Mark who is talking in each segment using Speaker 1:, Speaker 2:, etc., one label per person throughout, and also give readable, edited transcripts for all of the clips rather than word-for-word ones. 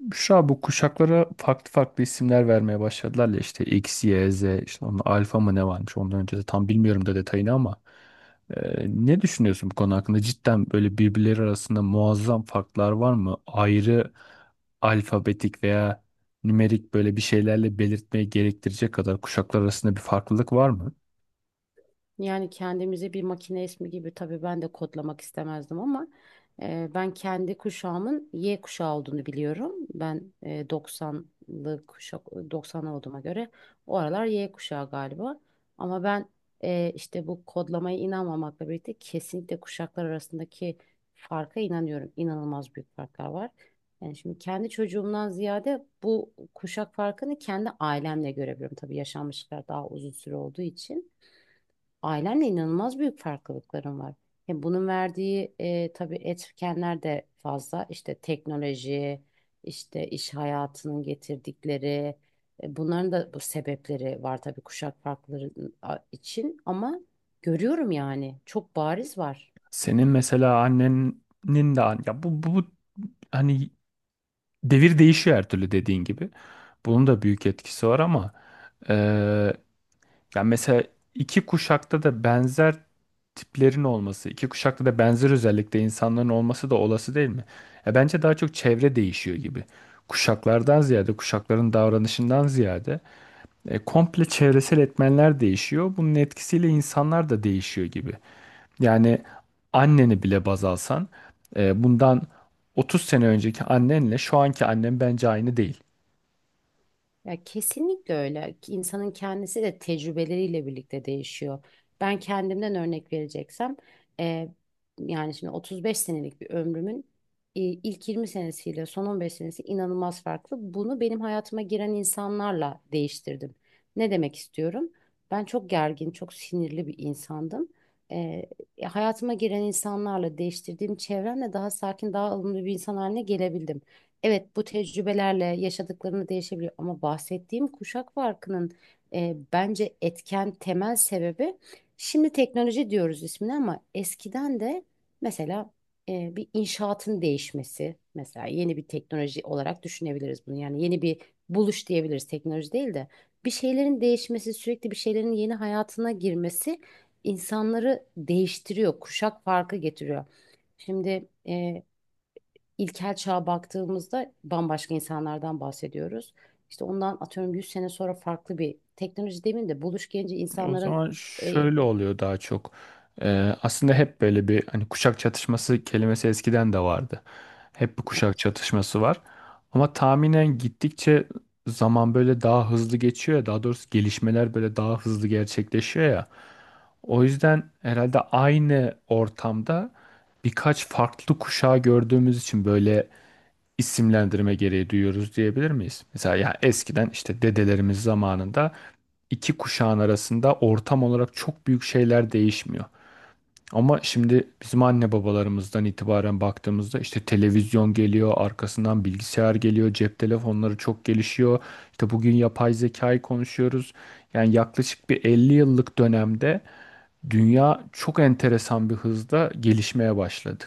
Speaker 1: Büşra bu kuşaklara farklı farklı isimler vermeye başladılar ya işte X, Y, Z işte onun alfa mı ne varmış ondan önce de tam bilmiyorum da detayını ama ne düşünüyorsun bu konu hakkında? Cidden böyle birbirleri arasında muazzam farklar var mı? Ayrı alfabetik veya nümerik böyle bir şeylerle belirtmeye gerektirecek kadar kuşaklar arasında bir farklılık var mı?
Speaker 2: Yani kendimizi bir makine ismi gibi tabii ben de kodlamak istemezdim ama ben kendi kuşağımın Y kuşağı olduğunu biliyorum. Ben 90'lı kuşak 90 olduğuma göre o aralar Y kuşağı galiba. Ama ben işte bu kodlamaya inanmamakla birlikte kesinlikle kuşaklar arasındaki farka inanıyorum. İnanılmaz büyük farklar var. Yani şimdi kendi çocuğumdan ziyade bu kuşak farkını kendi ailemle görebiliyorum. Tabii yaşanmışlıklar daha uzun süre olduğu için. Ailenle inanılmaz büyük farklılıklarım var. Hem bunun verdiği tabii etkenler de fazla. İşte teknoloji, işte iş hayatının getirdikleri, bunların da bu sebepleri var tabii kuşak farkları için. Ama görüyorum yani çok bariz var.
Speaker 1: Senin mesela annenin de ya bu hani devir değişiyor her türlü dediğin gibi. Bunun da büyük etkisi var ama yani mesela iki kuşakta da benzer tiplerin olması, iki kuşakta da benzer özellikle insanların olması da olası değil mi? Ya bence daha çok çevre değişiyor gibi. Kuşaklardan ziyade, kuşakların davranışından ziyade komple çevresel etmenler değişiyor. Bunun etkisiyle insanlar da değişiyor gibi. Yani anneni bile baz alsan, bundan 30 sene önceki annenle şu anki annen bence aynı değil.
Speaker 2: Ya kesinlikle öyle. İnsanın kendisi de tecrübeleriyle birlikte değişiyor. Ben kendimden örnek vereceksem, e, yani şimdi 35 senelik bir ömrümün ilk 20 senesiyle son 15 senesi inanılmaz farklı. Bunu benim hayatıma giren insanlarla değiştirdim. Ne demek istiyorum? Ben çok gergin, çok sinirli bir insandım. E, hayatıma giren insanlarla değiştirdiğim çevremle daha sakin, daha ılımlı bir insan haline gelebildim. Evet, bu tecrübelerle yaşadıklarını değişebiliyor ama bahsettiğim kuşak farkının bence etken temel sebebi şimdi teknoloji diyoruz ismini ama eskiden de mesela bir inşaatın değişmesi mesela yeni bir teknoloji olarak düşünebiliriz bunu yani yeni bir buluş diyebiliriz teknoloji değil de bir şeylerin değişmesi, sürekli bir şeylerin yeni hayatına girmesi insanları değiştiriyor, kuşak farkı getiriyor. Şimdi İlkel çağa baktığımızda bambaşka insanlardan bahsediyoruz. İşte ondan atıyorum 100 sene sonra farklı bir teknoloji demeyeyim de buluş gelince
Speaker 1: O
Speaker 2: insanların
Speaker 1: zaman
Speaker 2: e,
Speaker 1: şöyle oluyor daha çok. Aslında hep böyle bir hani kuşak çatışması kelimesi eskiden de vardı. Hep bir kuşak çatışması var. Ama tahminen gittikçe zaman böyle daha hızlı geçiyor ya, daha doğrusu gelişmeler böyle daha hızlı gerçekleşiyor ya. O yüzden herhalde aynı ortamda birkaç farklı kuşağı gördüğümüz için böyle isimlendirme gereği duyuyoruz diyebilir miyiz? Mesela ya eskiden işte dedelerimiz zamanında iki kuşağın arasında ortam olarak çok büyük şeyler değişmiyor. Ama şimdi bizim anne babalarımızdan itibaren baktığımızda işte televizyon geliyor, arkasından bilgisayar geliyor, cep telefonları çok gelişiyor. İşte bugün yapay zekayı konuşuyoruz. Yani yaklaşık bir 50 yıllık dönemde dünya çok enteresan bir hızda gelişmeye başladı.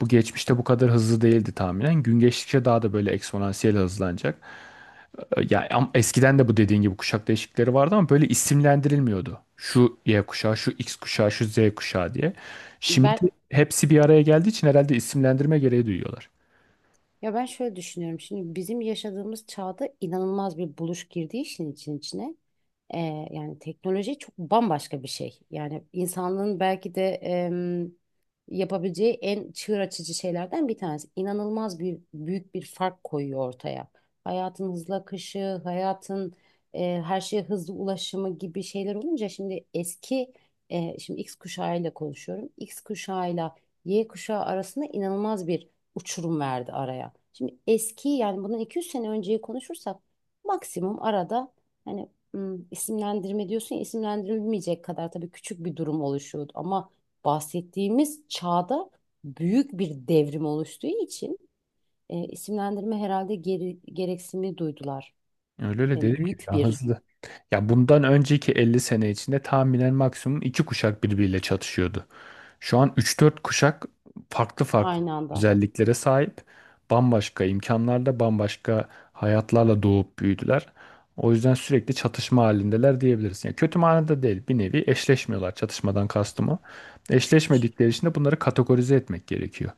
Speaker 1: Bu geçmişte bu kadar hızlı değildi tahminen. Gün geçtikçe daha da böyle eksponansiyel hızlanacak. Ya eskiden de bu dediğin gibi kuşak değişiklikleri vardı ama böyle isimlendirilmiyordu. Şu Y kuşağı, şu X kuşağı, şu Z kuşağı diye. Şimdi
Speaker 2: ben
Speaker 1: hepsi bir araya geldiği için herhalde isimlendirme gereği duyuyorlar.
Speaker 2: Ya ben şöyle düşünüyorum. Şimdi bizim yaşadığımız çağda inanılmaz bir buluş girdiği işin için içine. Ee, yani teknoloji çok bambaşka bir şey. Yani insanlığın belki de yapabileceği en çığır açıcı şeylerden bir tanesi. İnanılmaz bir büyük bir fark koyuyor ortaya. Hayatın hızla akışı, hayatın her şeye hızlı ulaşımı gibi şeyler olunca şimdi eski şimdi X kuşağıyla konuşuyorum. X kuşağıyla Y kuşağı arasında inanılmaz bir uçurum verdi araya. Şimdi eski yani bundan 200 sene önceyi konuşursak maksimum arada hani isimlendirme diyorsun ya, isimlendirilmeyecek kadar tabii küçük bir durum oluşuyordu. Ama bahsettiğimiz çağda büyük bir devrim oluştuğu için isimlendirme herhalde gereksinimi duydular.
Speaker 1: Öyle öyle
Speaker 2: Yani
Speaker 1: dedim ki
Speaker 2: büyük
Speaker 1: ya
Speaker 2: bir
Speaker 1: hızlı. Ya bundan önceki 50 sene içinde tahminen maksimum iki kuşak birbiriyle çatışıyordu. Şu an üç dört kuşak farklı farklı
Speaker 2: aynı anda.
Speaker 1: özelliklere sahip. Bambaşka imkanlarda, bambaşka hayatlarla doğup büyüdüler. O yüzden sürekli çatışma halindeler diyebiliriz. Yani kötü manada değil, bir nevi eşleşmiyorlar, çatışmadan kastım o. Eşleşmedikleri için de bunları kategorize etmek gerekiyor.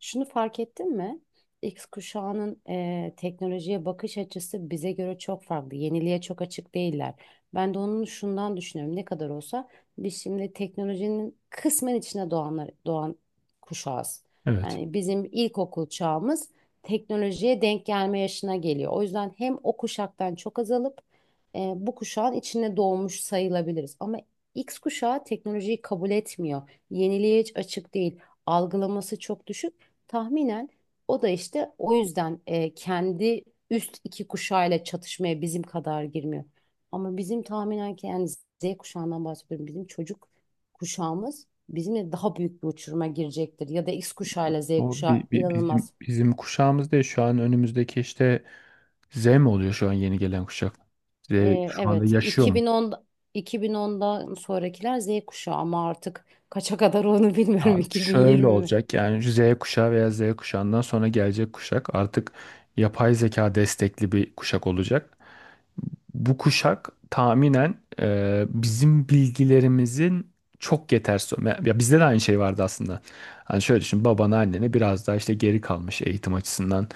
Speaker 2: Şunu fark ettin mi? X kuşağının teknolojiye bakış açısı bize göre çok farklı. Yeniliğe çok açık değiller. Ben de onun şundan düşünüyorum. Ne kadar olsa biz şimdi teknolojinin kısmen içine doğanlar, doğan kuşağız.
Speaker 1: Evet.
Speaker 2: Yani bizim ilkokul çağımız teknolojiye denk gelme yaşına geliyor. O yüzden hem o kuşaktan çok azalıp bu kuşağın içine doğmuş sayılabiliriz. Ama X kuşağı teknolojiyi kabul etmiyor. Yeniliğe hiç açık değil. Algılaması çok düşük. Tahminen o da işte o yüzden kendi üst iki kuşağıyla çatışmaya bizim kadar girmiyor. Ama bizim tahminen ki yani Z kuşağından bahsediyorum. Bizim çocuk kuşağımız bizimle daha büyük bir uçuruma girecektir. Ya da X kuşağıyla Z
Speaker 1: O
Speaker 2: kuşağı
Speaker 1: bi- bi- bizim
Speaker 2: inanılmaz.
Speaker 1: bizim kuşağımız değil. Şu an önümüzdeki işte Z mi oluyor şu an yeni gelen kuşak? Z
Speaker 2: E,
Speaker 1: şu anda
Speaker 2: evet,
Speaker 1: yaşıyor.
Speaker 2: 2010 'dan sonrakiler Z kuşağı ama artık kaça kadar onu bilmiyorum.
Speaker 1: Abi şöyle
Speaker 2: 2020 mi?
Speaker 1: olacak, yani Z kuşağı veya Z kuşağından sonra gelecek kuşak artık yapay zeka destekli bir kuşak olacak. Bu kuşak tahminen bizim bilgilerimizin çok yetersiz. Ya bizde de aynı şey vardı aslında. Hani şöyle düşün, babana annene biraz daha işte geri kalmış eğitim açısından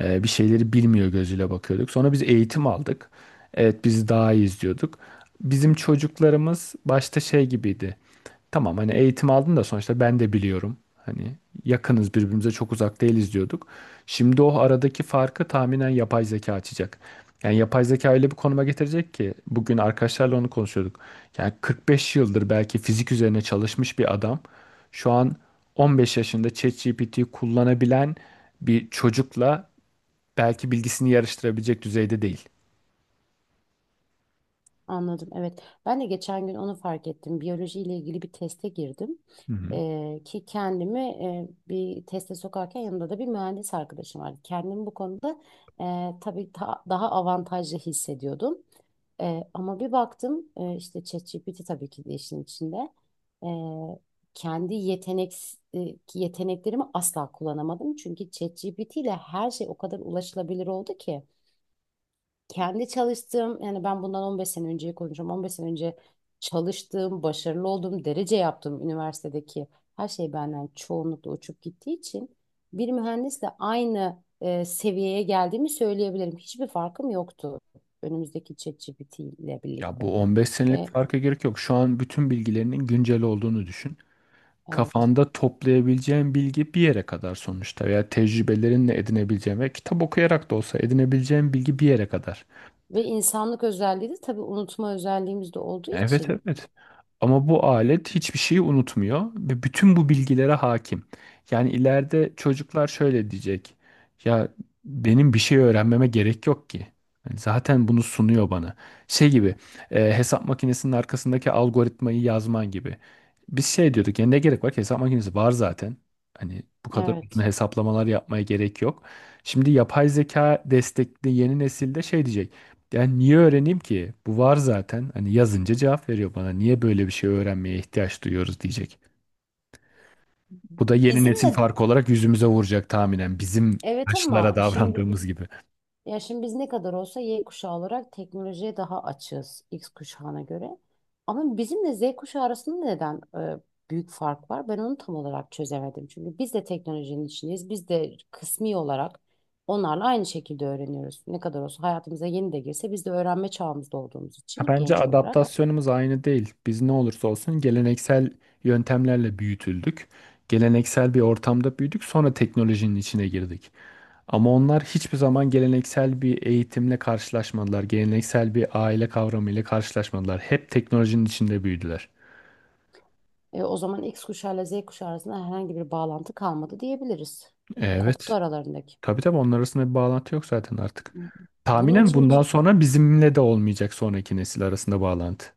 Speaker 1: bir şeyleri bilmiyor gözüyle bakıyorduk. Sonra biz eğitim aldık. Evet biz daha iyiyiz diyorduk. Bizim çocuklarımız başta şey gibiydi. Tamam hani eğitim aldın da sonuçta ben de biliyorum. Hani yakınız birbirimize, çok uzak değiliz diyorduk. Şimdi o aradaki farkı tahminen yapay zeka açacak. Yani yapay zeka öyle bir konuma getirecek ki bugün arkadaşlarla onu konuşuyorduk. Yani 45 yıldır belki fizik üzerine çalışmış bir adam şu an 15 yaşında ChatGPT'yi kullanabilen bir çocukla belki bilgisini yarıştırabilecek düzeyde değil.
Speaker 2: Anladım. Evet. Ben de geçen gün onu fark ettim. Biyoloji ile ilgili bir teste girdim.
Speaker 1: Hı hı.
Speaker 2: Ki kendimi bir teste sokarken yanımda da bir mühendis arkadaşım vardı. Kendimi bu konuda daha avantajlı hissediyordum. Ama bir baktım işte ChatGPT tabii ki de işin içinde. E, kendi yetenek e, yeteneklerimi asla kullanamadım. Çünkü ChatGPT ile her şey o kadar ulaşılabilir oldu ki kendi çalıştığım yani ben bundan 15 sene önceyi konuşuyorum. 15 sene önce çalıştığım, başarılı olduğum, derece yaptığım üniversitedeki her şey benden çoğunlukla uçup gittiği için bir mühendisle aynı seviyeye geldiğimi söyleyebilirim. Hiçbir farkım yoktu önümüzdeki ChatGPT ile
Speaker 1: Ya
Speaker 2: birlikte.
Speaker 1: bu 15 senelik
Speaker 2: E,
Speaker 1: farka gerek yok. Şu an bütün bilgilerinin güncel olduğunu düşün.
Speaker 2: evet.
Speaker 1: Kafanda toplayabileceğin bilgi bir yere kadar sonuçta, veya tecrübelerinle edinebileceğin ve kitap okuyarak da olsa edinebileceğin bilgi bir yere kadar.
Speaker 2: Ve insanlık özelliği de tabii unutma özelliğimiz de olduğu
Speaker 1: Evet,
Speaker 2: için.
Speaker 1: evet. Ama bu alet hiçbir şeyi unutmuyor ve bütün bu bilgilere hakim. Yani ileride çocuklar şöyle diyecek. Ya benim bir şey öğrenmeme gerek yok ki. Yani zaten bunu sunuyor bana. Şey gibi, hesap makinesinin arkasındaki algoritmayı yazman gibi. Biz şey diyorduk ya, ne gerek var ki, hesap makinesi var zaten. Hani bu kadar uzun
Speaker 2: Evet.
Speaker 1: hesaplamalar yapmaya gerek yok. Şimdi yapay zeka destekli yeni nesilde şey diyecek. Yani niye öğreneyim ki? Bu var zaten. Hani yazınca cevap veriyor bana. Niye böyle bir şey öğrenmeye ihtiyaç duyuyoruz diyecek. Bu da yeni nesil
Speaker 2: Bizimle
Speaker 1: farkı olarak yüzümüze vuracak tahminen. Bizim
Speaker 2: evet
Speaker 1: yaşlılara
Speaker 2: ama şimdi
Speaker 1: davrandığımız gibi.
Speaker 2: ya şimdi biz ne kadar olsa Y kuşağı olarak teknolojiye daha açığız X kuşağına göre. Ama bizimle Z kuşağı arasında neden büyük fark var? Ben onu tam olarak çözemedim. Çünkü biz de teknolojinin içindeyiz. Biz de kısmi olarak onlarla aynı şekilde öğreniyoruz. Ne kadar olsa hayatımıza yeni de girse biz de öğrenme çağımızda olduğumuz
Speaker 1: Ha,
Speaker 2: için
Speaker 1: bence
Speaker 2: genç olarak.
Speaker 1: adaptasyonumuz aynı değil. Biz ne olursa olsun geleneksel yöntemlerle büyütüldük. Geleneksel bir ortamda büyüdük, sonra teknolojinin içine girdik. Ama onlar hiçbir zaman geleneksel bir eğitimle karşılaşmadılar. Geleneksel bir aile kavramıyla karşılaşmadılar. Hep teknolojinin içinde büyüdüler.
Speaker 2: O zaman X kuşağı ile Z kuşağı arasında herhangi bir bağlantı kalmadı diyebiliriz.
Speaker 1: Evet.
Speaker 2: Koptu aralarındaki.
Speaker 1: Tabii tabii, onlar arasında bir bağlantı yok zaten artık.
Speaker 2: Bunun
Speaker 1: Tahminen
Speaker 2: için bir
Speaker 1: bundan sonra bizimle de olmayacak sonraki nesil arasında bağlantı.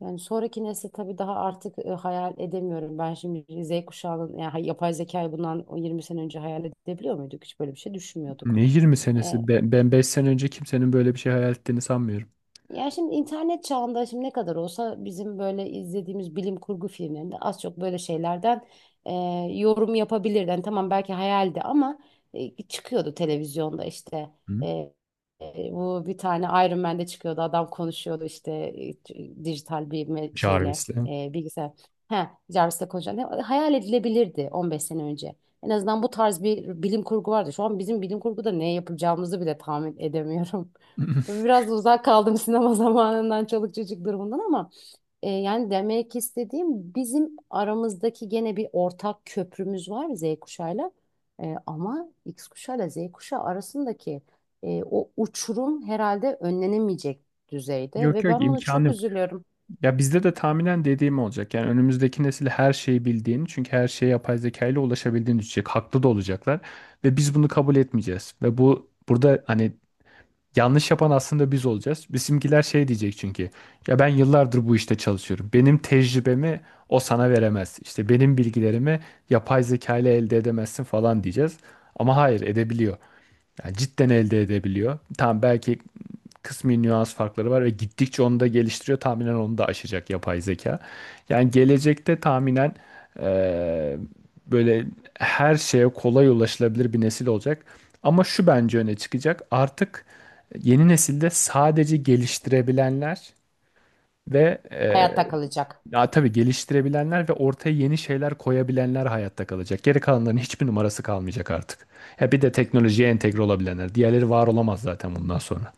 Speaker 2: yani sonraki nesli tabii daha artık hayal edemiyorum. Ben şimdi Z kuşağının yani yapay zekayı bundan 20 sene önce hayal edebiliyor muyduk? Hiç böyle bir şey düşünmüyorduk.
Speaker 1: Ne 20 senesi? Ben 5 sene önce kimsenin böyle bir şey hayal ettiğini sanmıyorum.
Speaker 2: Ya şimdi internet çağında şimdi ne kadar olsa bizim böyle izlediğimiz bilim kurgu filmlerinde az çok böyle şeylerden e, yorum yapabilirdi. Yani tamam belki hayaldi ama çıkıyordu televizyonda işte.
Speaker 1: Hı?
Speaker 2: E, bu bir tane Iron Man'de çıkıyordu, adam konuşuyordu işte e, dijital bir me- şeyle
Speaker 1: Jarvis'le.
Speaker 2: e, bilgisayar. Ha, Jarvis'le konuşan hayal edilebilirdi 15 sene önce. En azından bu tarz bir bilim kurgu vardı. Şu an bizim bilim kurguda ne yapacağımızı bile tahmin edemiyorum. Tabii biraz da uzak kaldım sinema zamanından, çoluk çocuk durumundan ama yani demek istediğim bizim aramızdaki gene bir ortak köprümüz var Z kuşağıyla. Ama X kuşağıyla Z kuşağı arasındaki o uçurum herhalde önlenemeyecek düzeyde
Speaker 1: Yok
Speaker 2: ve
Speaker 1: yok,
Speaker 2: ben bunu
Speaker 1: imkanı
Speaker 2: çok
Speaker 1: yok.
Speaker 2: üzülüyorum.
Speaker 1: Ya bizde de tahminen dediğim olacak. Yani önümüzdeki nesil her şeyi bildiğini, çünkü her şeye yapay zeka ile ulaşabildiğini düşünecek. Haklı da olacaklar ve biz bunu kabul etmeyeceğiz. Ve bu burada hani yanlış yapan aslında biz olacağız. Bizimkiler şey diyecek çünkü. Ya ben yıllardır bu işte çalışıyorum. Benim tecrübemi o sana veremez. İşte benim bilgilerimi yapay zeka ile elde edemezsin falan diyeceğiz. Ama hayır, edebiliyor. Yani cidden elde edebiliyor. Tamam belki kısmi nüans farkları var ve gittikçe onu da geliştiriyor. Tahminen onu da aşacak yapay zeka. Yani gelecekte tahminen eee, böyle her şeye kolay ulaşılabilir bir nesil olacak. Ama şu bence öne çıkacak. Artık yeni nesilde sadece geliştirebilenler ve e,
Speaker 2: Hayatta kalacak.
Speaker 1: ya tabii geliştirebilenler ve ortaya yeni şeyler koyabilenler hayatta kalacak. Geri kalanların hiçbir numarası kalmayacak artık. Ya bir de teknolojiye entegre olabilenler. Diğerleri var olamaz zaten bundan sonra.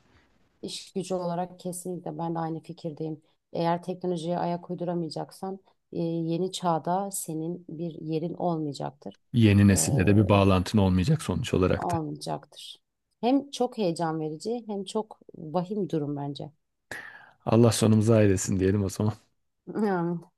Speaker 2: İş gücü olarak kesinlikle ben de aynı fikirdeyim. Eğer teknolojiye ayak uyduramayacaksan yeni çağda senin bir yerin olmayacaktır.
Speaker 1: Yeni
Speaker 2: E,
Speaker 1: nesille de bir bağlantın olmayacak sonuç olarak da.
Speaker 2: Olmayacaktır. Hem çok heyecan verici hem çok vahim durum bence.
Speaker 1: Allah sonumuzu hayretsin diyelim o zaman.